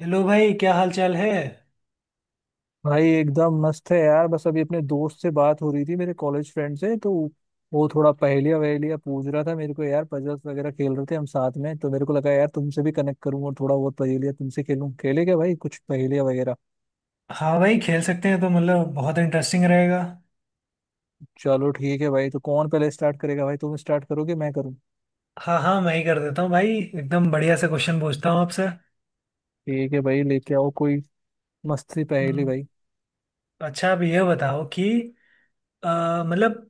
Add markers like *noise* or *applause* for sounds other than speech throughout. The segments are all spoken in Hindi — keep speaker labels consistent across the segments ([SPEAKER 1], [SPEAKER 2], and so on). [SPEAKER 1] हेलो भाई, क्या हाल चाल है।
[SPEAKER 2] भाई एकदम मस्त है यार। बस अभी अपने दोस्त से बात हो रही थी, मेरे कॉलेज फ्रेंड से। तो वो थोड़ा पहेलियाँ वहेलियाँ पूछ रहा था मेरे को यार, पजल्स वगैरह खेल रहे थे हम साथ में। तो मेरे को लगा यार तुमसे भी कनेक्ट करूँ और थोड़ा बहुत पहेलियाँ तुमसे खेलूं। खेले क्या भाई कुछ पहेलियाँ वगैरह।
[SPEAKER 1] हाँ भाई, खेल सकते हैं तो मतलब बहुत इंटरेस्टिंग रहेगा।
[SPEAKER 2] चलो ठीक है भाई। तो कौन पहले स्टार्ट करेगा भाई, तुम स्टार्ट करोगे मैं करूँ।
[SPEAKER 1] हाँ हाँ, मैं ही कर देता हूँ भाई। एकदम बढ़िया से क्वेश्चन पूछता हूँ आपसे।
[SPEAKER 2] ठीक है भाई, लेके आओ कोई मस्त सी पहेली
[SPEAKER 1] हम्म,
[SPEAKER 2] भाई।
[SPEAKER 1] अच्छा, आप ये बताओ कि मतलब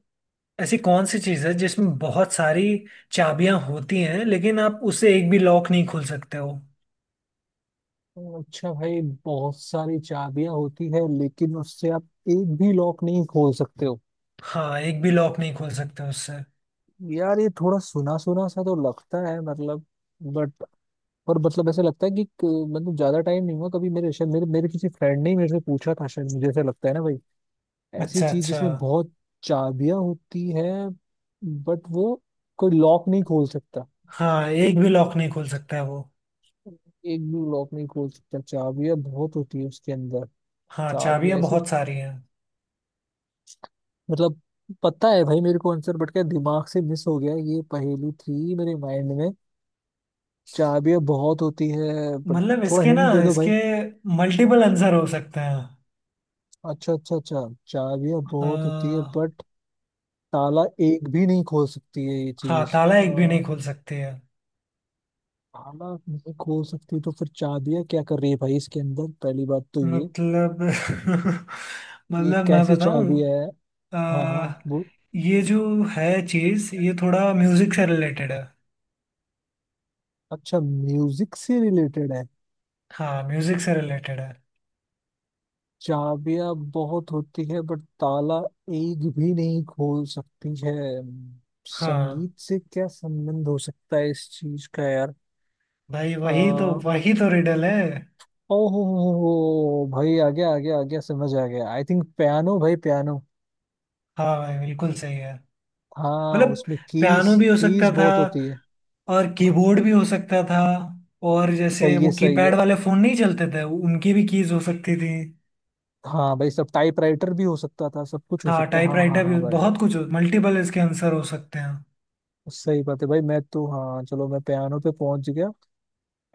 [SPEAKER 1] ऐसी कौन सी चीज़ है जिसमें बहुत सारी चाबियां होती हैं, लेकिन आप उससे एक भी लॉक नहीं खोल सकते हो।
[SPEAKER 2] अच्छा भाई, बहुत सारी चाबियां होती है लेकिन उससे आप एक भी लॉक नहीं खोल सकते हो।
[SPEAKER 1] हाँ, एक भी लॉक नहीं खोल सकते उससे।
[SPEAKER 2] यार ये थोड़ा सुना सुना सा तो लगता है मतलब, बट, और मतलब ऐसे लगता है कि मतलब ज्यादा टाइम नहीं हुआ कभी मेरे, शायद मेरे मेरे किसी फ्रेंड ने ही मेरे से पूछा था शायद, मुझे ऐसा लगता है ना भाई। ऐसी
[SPEAKER 1] अच्छा,
[SPEAKER 2] चीज
[SPEAKER 1] अच्छा।
[SPEAKER 2] जिसमें बहुत चाबियां होती है, बट वो कोई लॉक नहीं खोल सकता।
[SPEAKER 1] हाँ, एक भी लॉक नहीं खोल सकता है वो।
[SPEAKER 2] एक भी लॉक नहीं खोल सकता, चाबियां बहुत होती है उसके अंदर।
[SPEAKER 1] हाँ,
[SPEAKER 2] चाबियां
[SPEAKER 1] चाबियां
[SPEAKER 2] ऐसी,
[SPEAKER 1] बहुत सारी हैं।
[SPEAKER 2] मतलब पता है भाई मेरे को आंसर, बट क्या दिमाग से मिस हो गया। ये पहेली थी मेरे माइंड में। चाबियां बहुत होती है बट।
[SPEAKER 1] मतलब
[SPEAKER 2] थोड़ा
[SPEAKER 1] इसके ना
[SPEAKER 2] हिंट दे दो भाई।
[SPEAKER 1] इसके मल्टीपल आंसर हो सकते हैं।
[SPEAKER 2] अच्छा अच्छा अच्छा। चाबियां बहुत होती है
[SPEAKER 1] आ,
[SPEAKER 2] बट ताला एक भी नहीं खोल सकती है ये
[SPEAKER 1] हाँ,
[SPEAKER 2] चीज।
[SPEAKER 1] ताला एक भी
[SPEAKER 2] ताला
[SPEAKER 1] नहीं खोल सकते हैं।
[SPEAKER 2] नहीं खोल सकती, तो फिर चाबियां क्या कर रही है भाई इसके अंदर, पहली बात तो ये।
[SPEAKER 1] मतलब *laughs*
[SPEAKER 2] ये
[SPEAKER 1] मतलब मैं
[SPEAKER 2] कैसी
[SPEAKER 1] बताऊं।
[SPEAKER 2] चाबी है।
[SPEAKER 1] आ,
[SPEAKER 2] हाँ हाँ वो।
[SPEAKER 1] ये जो है चीज, ये थोड़ा म्यूजिक से रिलेटेड है।
[SPEAKER 2] अच्छा म्यूजिक से रिलेटेड है।
[SPEAKER 1] हाँ, म्यूजिक से रिलेटेड है।
[SPEAKER 2] चाबियां बहुत होती है बट ताला एक भी नहीं खोल सकती है।
[SPEAKER 1] हाँ
[SPEAKER 2] संगीत से क्या संबंध हो सकता है इस चीज का यार।
[SPEAKER 1] भाई, वही तो
[SPEAKER 2] आ,
[SPEAKER 1] वही तो रिडल है।
[SPEAKER 2] ओहो भाई आ गया आ गया आ गया, समझ आ गया। आई थिंक पियानो भाई, पियानो।
[SPEAKER 1] हाँ भाई, बिल्कुल सही है।
[SPEAKER 2] हाँ
[SPEAKER 1] मतलब
[SPEAKER 2] उसमें कीज,
[SPEAKER 1] पियानो भी हो सकता
[SPEAKER 2] कीज
[SPEAKER 1] था,
[SPEAKER 2] बहुत होती है।
[SPEAKER 1] और
[SPEAKER 2] हाँ
[SPEAKER 1] कीबोर्ड भी हो सकता था। और जैसे
[SPEAKER 2] सही
[SPEAKER 1] वो
[SPEAKER 2] है सही
[SPEAKER 1] कीपैड
[SPEAKER 2] है।
[SPEAKER 1] वाले फोन नहीं चलते थे, उनकी भी कीज हो सकती थी।
[SPEAKER 2] हाँ भाई सब, टाइपराइटर भी हो सकता था, सब कुछ हो
[SPEAKER 1] हाँ,
[SPEAKER 2] सकता है, हाँ हाँ
[SPEAKER 1] टाइपराइटर भी,
[SPEAKER 2] हाँ भाई।
[SPEAKER 1] बहुत कुछ मल्टीपल इसके आंसर हो सकते हैं।
[SPEAKER 2] सही बात है भाई। मैं तो हाँ चलो मैं पियानो पे पहुंच गया,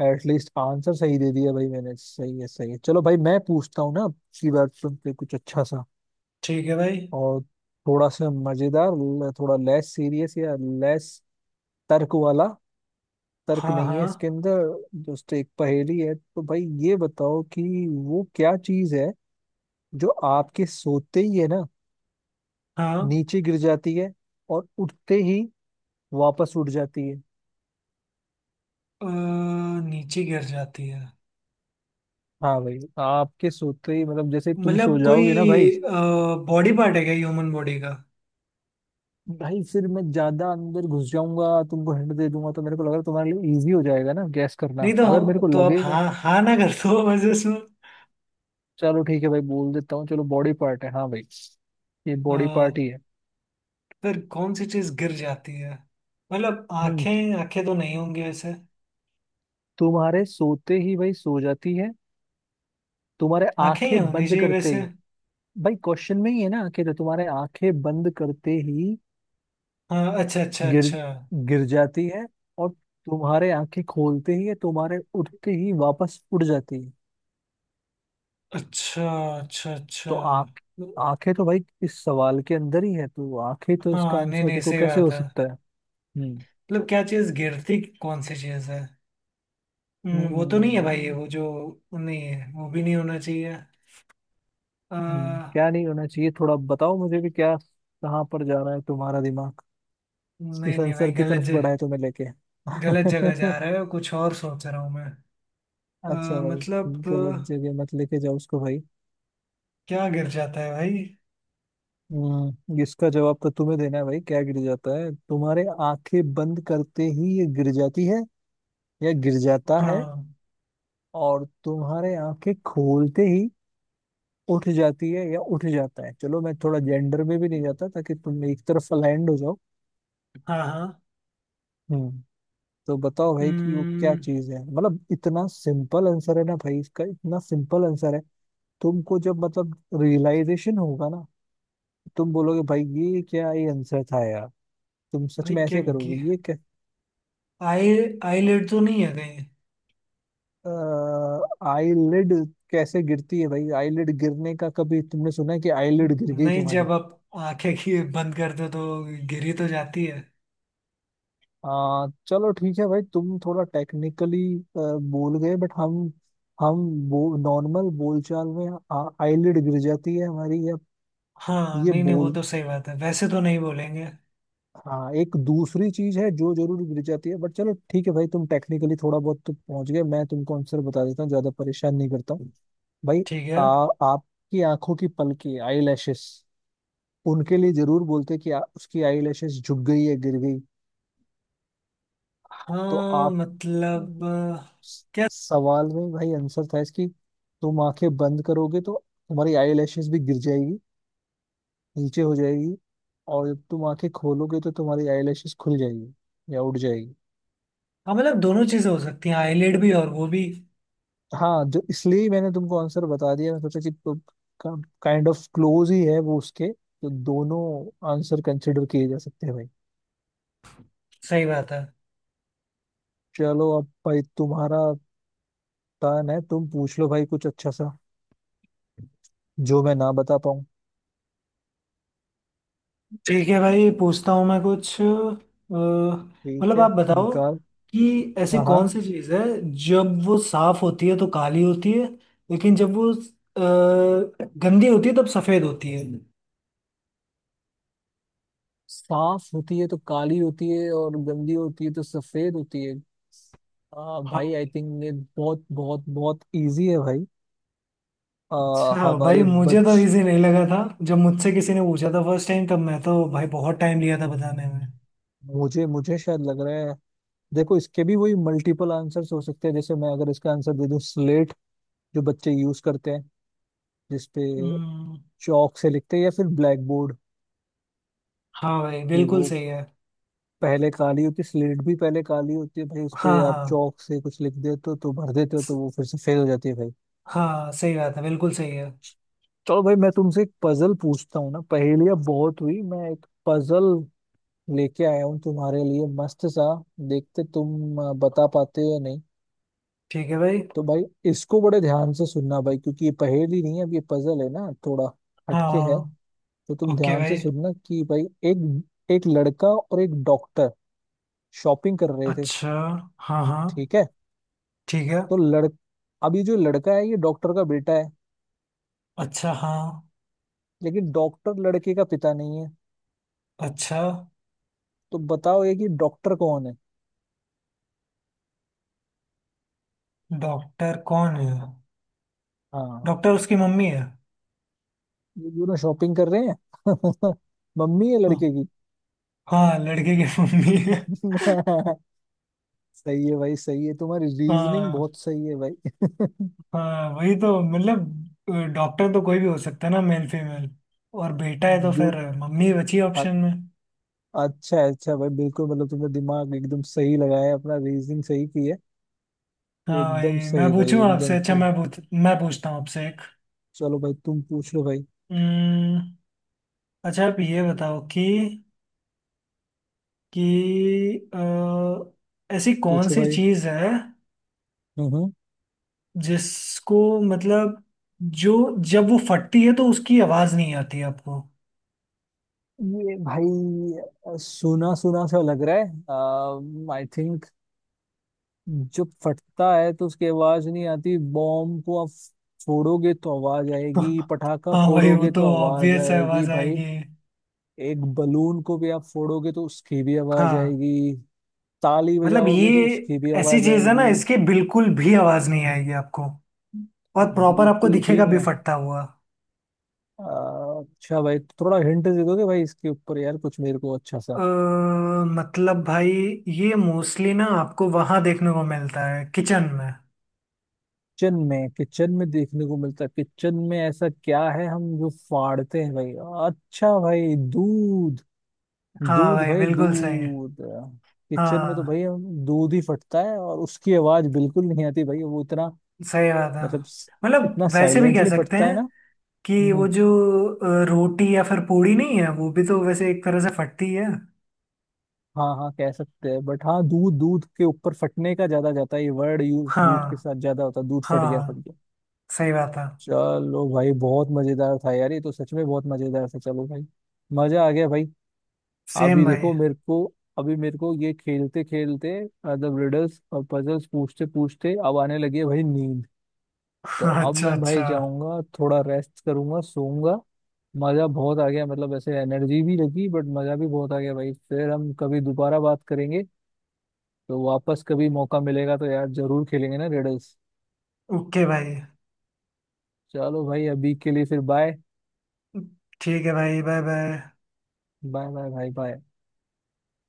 [SPEAKER 2] एटलीस्ट आंसर सही दे दिया भाई मैंने। सही है सही है। चलो भाई मैं पूछता हूँ ना, इसकी बात सुन के कुछ अच्छा सा
[SPEAKER 1] ठीक है भाई।
[SPEAKER 2] और थोड़ा सा मजेदार, थोड़ा लेस सीरियस या लेस तर्क वाला। तर्क
[SPEAKER 1] हाँ,
[SPEAKER 2] नहीं है
[SPEAKER 1] हाँ,
[SPEAKER 2] इसके अंदर, जस्ट एक पहेली है। तो भाई ये बताओ कि वो क्या चीज है जो आपके सोते ही है ना,
[SPEAKER 1] हाँ।
[SPEAKER 2] नीचे गिर जाती है, और उठते ही वापस उठ जाती है।
[SPEAKER 1] अ, नीचे गिर जाती है।
[SPEAKER 2] हाँ भाई आपके सोते ही, मतलब जैसे तुम सो
[SPEAKER 1] मतलब
[SPEAKER 2] जाओगे ना भाई।
[SPEAKER 1] कोई बॉडी पार्ट है क्या, ह्यूमन बॉडी का।
[SPEAKER 2] भाई फिर मैं ज्यादा अंदर घुस जाऊंगा, तुमको हिंट दे दूंगा तो मेरे को लग रहा है तुम्हारे लिए इजी हो जाएगा ना गैस
[SPEAKER 1] नहीं
[SPEAKER 2] करना,
[SPEAKER 1] तो
[SPEAKER 2] अगर मेरे को
[SPEAKER 1] तो आप
[SPEAKER 2] लगेगा।
[SPEAKER 1] हाँ हाँ ना कर दो बस इसमें।
[SPEAKER 2] चलो ठीक है भाई बोल देता हूँ, चलो बॉडी पार्ट है, हाँ भाई ये बॉडी पार्ट
[SPEAKER 1] अ,
[SPEAKER 2] ही है।
[SPEAKER 1] फिर कौन सी चीज गिर जाती है। मतलब
[SPEAKER 2] हम्म।
[SPEAKER 1] आंखें आंखें तो नहीं होंगी वैसे।
[SPEAKER 2] तुम्हारे सोते ही भाई सो जाती है, तुम्हारे
[SPEAKER 1] आंखें ही
[SPEAKER 2] आंखें
[SPEAKER 1] होनी
[SPEAKER 2] बंद
[SPEAKER 1] चाहिए
[SPEAKER 2] करते
[SPEAKER 1] वैसे।
[SPEAKER 2] ही। भाई क्वेश्चन में ही है ना कि तो तुम्हारे आंखें बंद करते ही
[SPEAKER 1] हाँ, अच्छा अच्छा
[SPEAKER 2] गिर
[SPEAKER 1] अच्छा,
[SPEAKER 2] गिर जाती है, और तुम्हारे आंखें खोलते ही या तुम्हारे उठते ही वापस उड़ जाती है।
[SPEAKER 1] अच्छा अच्छा अच्छा।
[SPEAKER 2] तो आंख, आंखें तो भाई इस सवाल के अंदर ही है, तो आंखें तो इसका
[SPEAKER 1] हाँ, नहीं
[SPEAKER 2] आंसर
[SPEAKER 1] नहीं,
[SPEAKER 2] देखो
[SPEAKER 1] सही
[SPEAKER 2] कैसे
[SPEAKER 1] बात
[SPEAKER 2] हो
[SPEAKER 1] है।
[SPEAKER 2] सकता है। हम्म।
[SPEAKER 1] मतलब क्या चीज गिरती, कौन सी चीज है। वो तो नहीं है भाई,
[SPEAKER 2] हम्म।
[SPEAKER 1] वो जो नहीं है वो भी नहीं होना चाहिए। आ,
[SPEAKER 2] क्या नहीं होना चाहिए, थोड़ा बताओ मुझे भी, क्या कहाँ पर जा रहा है तुम्हारा दिमाग,
[SPEAKER 1] नहीं
[SPEAKER 2] किस
[SPEAKER 1] नहीं भाई,
[SPEAKER 2] आंसर की
[SPEAKER 1] गलत
[SPEAKER 2] तरफ बढ़ा है तुम्हें लेके।
[SPEAKER 1] गलत जगह जा
[SPEAKER 2] *laughs*
[SPEAKER 1] रहे हो, कुछ और सोच रहा हूँ मैं।
[SPEAKER 2] अच्छा भाई,
[SPEAKER 1] मतलब
[SPEAKER 2] गलत जगह मत लेके जाओ उसको भाई।
[SPEAKER 1] क्या गिर जाता है भाई।
[SPEAKER 2] हम्म। इसका जवाब तो तुम्हें देना है भाई, क्या गिर जाता है। तुम्हारे आंखें बंद करते ही ये गिर जाती है या गिर जाता है,
[SPEAKER 1] हाँ,
[SPEAKER 2] और तुम्हारे आंखें खोलते ही उठ जाती है या उठ जाता है। चलो मैं थोड़ा जेंडर में भी नहीं जाता ताकि तुम एक तरफ लैंड हो जाओ।
[SPEAKER 1] हाँ, हाँ।
[SPEAKER 2] हम्म। तो बताओ भाई कि वो क्या
[SPEAKER 1] हम्म,
[SPEAKER 2] चीज है, मतलब इतना सिंपल आंसर है ना भाई, इसका इतना सिंपल आंसर है। तुमको जब मतलब रियलाइजेशन होगा ना, तुम बोलोगे भाई ये क्या, ये आंसर था यार। तुम सच
[SPEAKER 1] भाई,
[SPEAKER 2] में
[SPEAKER 1] क्या
[SPEAKER 2] ऐसे करोगे ये
[SPEAKER 1] आई, आईलिड तो नहीं है कहीं।
[SPEAKER 2] आईलिड। कैसे गिरती है भाई आईलिड, गिरने का कभी तुमने सुना है कि आईलिड गिर गई
[SPEAKER 1] नहीं,
[SPEAKER 2] तुम्हारी।
[SPEAKER 1] जब आप आंखें की बंद कर दो तो गिरी तो जाती है।
[SPEAKER 2] चलो ठीक है भाई तुम थोड़ा टेक्निकली बोल गए, बट नॉर्मल बोलचाल में आईलिड गिर जाती है हमारी, या
[SPEAKER 1] हाँ,
[SPEAKER 2] ये
[SPEAKER 1] नहीं नहीं, वो तो
[SPEAKER 2] बोलते।
[SPEAKER 1] सही बात है, वैसे तो नहीं बोलेंगे।
[SPEAKER 2] हाँ एक दूसरी चीज है जो जरूर गिर जाती है, बट चलो ठीक है भाई तुम टेक्निकली थोड़ा बहुत तो पहुंच गए, मैं तुमको आंसर बता देता हूँ, ज्यादा परेशान नहीं करता हूँ भाई।
[SPEAKER 1] ठीक है।
[SPEAKER 2] आपकी आंखों की पलके, आई लैशेस, उनके लिए जरूर बोलते कि उसकी आई लैशेस झुक गई है, गिर गई। तो
[SPEAKER 1] हाँ
[SPEAKER 2] आप
[SPEAKER 1] मतलब क्या।
[SPEAKER 2] सवाल में भाई आंसर था इसकी। तुम आंखें बंद करोगे तो तुम्हारी आई लैशेस भी गिर जाएगी, नीचे हो जाएगी, और जब तुम आंखें खोलोगे तो तुम्हारी आई लैशेस खुल जाएगी या उड़ जाएगी।
[SPEAKER 1] हाँ मतलब दोनों चीजें हो सकती हैं, आईलेड भी और वो भी।
[SPEAKER 2] हाँ, जो इसलिए ही मैंने तुमको आंसर बता दिया। मैं सोचा कि काइंड ऑफ क्लोज ही है वो, उसके तो दोनों आंसर कंसिडर किए जा सकते हैं भाई।
[SPEAKER 1] सही बात है।
[SPEAKER 2] चलो अब भाई तुम्हारा टर्न है, तुम पूछ लो भाई कुछ अच्छा सा जो मैं ना बता पाऊँ।
[SPEAKER 1] ठीक है भाई, पूछता हूँ मैं कुछ
[SPEAKER 2] ठीक
[SPEAKER 1] मतलब।
[SPEAKER 2] है,
[SPEAKER 1] आप बताओ
[SPEAKER 2] निकाल।
[SPEAKER 1] कि ऐसी
[SPEAKER 2] हाँ हाँ।
[SPEAKER 1] कौन सी चीज है जब वो साफ होती है तो काली होती है, लेकिन जब वो गंदी होती है तब सफेद होती है।
[SPEAKER 2] साफ होती है तो काली होती है, और गंदी होती है तो सफेद होती है।
[SPEAKER 1] हाँ
[SPEAKER 2] भाई आई
[SPEAKER 1] भाई।
[SPEAKER 2] थिंक ये बहुत बहुत बहुत इजी है भाई। आ,
[SPEAKER 1] अच्छा भाई,
[SPEAKER 2] हमारे
[SPEAKER 1] मुझे तो
[SPEAKER 2] बच
[SPEAKER 1] इजी नहीं लगा था। जब मुझसे किसी ने पूछा था फर्स्ट टाइम, तब मैं तो भाई बहुत टाइम लिया था बताने में।
[SPEAKER 2] हम्म, मुझे मुझे शायद लग रहा है। देखो इसके भी वही मल्टीपल आंसर्स हो सकते हैं। जैसे मैं अगर इसका आंसर दे दूं स्लेट, जो बच्चे यूज करते हैं, जिसपे
[SPEAKER 1] हम्म,
[SPEAKER 2] चौक से लिखते हैं, या फिर ब्लैक बोर्ड।
[SPEAKER 1] हाँ भाई,
[SPEAKER 2] कि
[SPEAKER 1] बिल्कुल
[SPEAKER 2] वो
[SPEAKER 1] सही है।
[SPEAKER 2] पहले काली होती है, स्लेट भी पहले काली होती है भाई, उस पे
[SPEAKER 1] हाँ
[SPEAKER 2] आप
[SPEAKER 1] हाँ,
[SPEAKER 2] चौक से कुछ लिख देते हो तो भर देते हो,
[SPEAKER 1] स-
[SPEAKER 2] तो वो फिर से फेल हो जाती है भाई।
[SPEAKER 1] हाँ, सही बात है, बिल्कुल सही है।
[SPEAKER 2] चलो भाई मैं तुमसे एक पजल पूछता हूँ ना, पहेलियां बहुत हुई, मैं एक पजल लेके आया हूँ तुम्हारे लिए मस्त सा। देखते तुम बता पाते हो या नहीं।
[SPEAKER 1] ठीक है भाई।
[SPEAKER 2] तो भाई इसको बड़े ध्यान से सुनना भाई, क्योंकि ये पहेली नहीं है अब, ये पजल है ना, थोड़ा हटके
[SPEAKER 1] हाँ।
[SPEAKER 2] है। तो तुम
[SPEAKER 1] ओके
[SPEAKER 2] ध्यान से
[SPEAKER 1] भाई।
[SPEAKER 2] सुनना कि भाई, एक एक लड़का और एक डॉक्टर शॉपिंग कर रहे थे।
[SPEAKER 1] अच्छा, हाँ हाँ।
[SPEAKER 2] ठीक है।
[SPEAKER 1] ठीक है।
[SPEAKER 2] तो लड़ अभी जो लड़का है ये डॉक्टर का बेटा है,
[SPEAKER 1] अच्छा, हाँ।
[SPEAKER 2] लेकिन डॉक्टर लड़के का पिता नहीं है।
[SPEAKER 1] अच्छा।
[SPEAKER 2] तो बताओ ये कि डॉक्टर कौन है।
[SPEAKER 1] डॉक्टर कौन है।
[SPEAKER 2] हाँ।
[SPEAKER 1] डॉक्टर उसकी मम्मी है।
[SPEAKER 2] ये दोनों शॉपिंग कर रहे हैं। *laughs* मम्मी है लड़के की।
[SPEAKER 1] हाँ, लड़के की *laughs* मम्मी है।
[SPEAKER 2] *laughs* सही है भाई सही है, तुम्हारी रीजनिंग
[SPEAKER 1] हाँ
[SPEAKER 2] बहुत सही है भाई।
[SPEAKER 1] हाँ, वही तो मतलब। डॉक्टर तो कोई भी हो सकता है ना, मेल फीमेल। और बेटा है तो
[SPEAKER 2] *laughs*
[SPEAKER 1] फिर
[SPEAKER 2] गुड।
[SPEAKER 1] मम्मी बची ऑप्शन में।
[SPEAKER 2] अच्छा है भाई, बिल्कुल, मतलब तुमने दिमाग एकदम सही लगाया है, अपना रीजनिंग सही की है।
[SPEAKER 1] हाँ भाई,
[SPEAKER 2] एकदम
[SPEAKER 1] मैं
[SPEAKER 2] सही भाई
[SPEAKER 1] पूछूं आपसे।
[SPEAKER 2] एकदम
[SPEAKER 1] अच्छा
[SPEAKER 2] से।
[SPEAKER 1] मैं पूछता हूँ आपसे।
[SPEAKER 2] चलो भाई तुम पूछ लो भाई।
[SPEAKER 1] एक अच्छा, आप ये बताओ कि ऐसी कौन
[SPEAKER 2] पूछो
[SPEAKER 1] सी
[SPEAKER 2] भाई।
[SPEAKER 1] चीज है,
[SPEAKER 2] हम्म।
[SPEAKER 1] जिसको मतलब जो, जब वो फटती है तो उसकी आवाज नहीं आती आपको।
[SPEAKER 2] हम्म। ये भाई सुना सुना सा लग रहा है। आई थिंक जब फटता है तो उसकी आवाज नहीं आती, बॉम्ब को आप फोड़ोगे तो आवाज
[SPEAKER 1] *laughs*
[SPEAKER 2] आएगी,
[SPEAKER 1] हाँ
[SPEAKER 2] पटाखा
[SPEAKER 1] भाई, वो
[SPEAKER 2] फोड़ोगे
[SPEAKER 1] तो
[SPEAKER 2] तो आवाज
[SPEAKER 1] ऑब्वियस है,
[SPEAKER 2] आएगी
[SPEAKER 1] आवाज
[SPEAKER 2] भाई,
[SPEAKER 1] आएगी।
[SPEAKER 2] एक बलून को भी आप फोड़ोगे तो उसकी भी आवाज
[SPEAKER 1] हाँ
[SPEAKER 2] आएगी, ताली
[SPEAKER 1] मतलब
[SPEAKER 2] बजाओगे तो
[SPEAKER 1] ये
[SPEAKER 2] उसकी भी
[SPEAKER 1] ऐसी
[SPEAKER 2] आवाज
[SPEAKER 1] चीज है ना,
[SPEAKER 2] आएगी।
[SPEAKER 1] इसकी बिल्कुल भी आवाज नहीं आएगी आपको,
[SPEAKER 2] हाँ,
[SPEAKER 1] और
[SPEAKER 2] तो
[SPEAKER 1] प्रॉपर आपको
[SPEAKER 2] बिल्कुल भी
[SPEAKER 1] दिखेगा
[SPEAKER 2] नहीं
[SPEAKER 1] भी
[SPEAKER 2] है।
[SPEAKER 1] फटता हुआ।
[SPEAKER 2] आ, अच्छा भाई तो थोड़ा हिंट दे दोगे भाई इसके ऊपर यार, कुछ मेरे को अच्छा
[SPEAKER 1] अ,
[SPEAKER 2] सा।
[SPEAKER 1] मतलब भाई, ये मोस्टली ना आपको वहां देखने को मिलता है किचन में।
[SPEAKER 2] किचन में, किचन में देखने को मिलता है, किचन में ऐसा क्या है हम जो फाड़ते हैं भाई। अच्छा भाई दूध,
[SPEAKER 1] हाँ
[SPEAKER 2] दूध
[SPEAKER 1] भाई,
[SPEAKER 2] भाई
[SPEAKER 1] बिल्कुल सही।
[SPEAKER 2] दूध। किचन में तो
[SPEAKER 1] हाँ,
[SPEAKER 2] भाई हम दूध ही फटता है, और उसकी आवाज बिल्कुल नहीं आती भाई, वो इतना,
[SPEAKER 1] सही बात है।
[SPEAKER 2] मतलब स-
[SPEAKER 1] मतलब
[SPEAKER 2] इतना
[SPEAKER 1] वैसे भी कह
[SPEAKER 2] साइलेंटली
[SPEAKER 1] सकते
[SPEAKER 2] फटता है
[SPEAKER 1] हैं
[SPEAKER 2] ना।
[SPEAKER 1] कि वो
[SPEAKER 2] हम्म।
[SPEAKER 1] जो रोटी या फिर पूड़ी नहीं है, वो भी तो वैसे एक तरह से फटती है।
[SPEAKER 2] हाँ हाँ कह सकते हैं, बट हाँ दूध, दूध के ऊपर फटने का ज्यादा जाता है, ये वर्ड यूज
[SPEAKER 1] हाँ,
[SPEAKER 2] दूध के साथ ज्यादा होता है, दूध
[SPEAKER 1] हाँ,
[SPEAKER 2] फट गया, फट
[SPEAKER 1] हाँ,
[SPEAKER 2] गया।
[SPEAKER 1] सही बात है।
[SPEAKER 2] चलो भाई बहुत मजेदार था यार, ये तो सच में बहुत मजेदार था। चलो भाई मजा आ गया भाई।
[SPEAKER 1] सेम
[SPEAKER 2] अभी
[SPEAKER 1] भाई।
[SPEAKER 2] देखो मेरे को, अभी मेरे को ये खेलते खेलते, मतलब रिडल्स और पजल्स पूछते पूछते, अब आने लगी है भाई नींद। तो
[SPEAKER 1] *laughs*
[SPEAKER 2] अब
[SPEAKER 1] अच्छा,
[SPEAKER 2] मैं भाई
[SPEAKER 1] अच्छा।
[SPEAKER 2] जाऊंगा, थोड़ा रेस्ट करूंगा, सोऊंगा। मजा बहुत आ गया, मतलब ऐसे एनर्जी भी लगी बट मजा भी बहुत आ गया भाई। फिर हम कभी दोबारा बात करेंगे, तो वापस कभी मौका मिलेगा तो यार जरूर खेलेंगे ना रिडल्स।
[SPEAKER 1] ओके भाई।
[SPEAKER 2] चलो भाई अभी के लिए फिर बाय।
[SPEAKER 1] ठीक है भाई, बाय बाय।
[SPEAKER 2] बाय बाय भाई, बाय।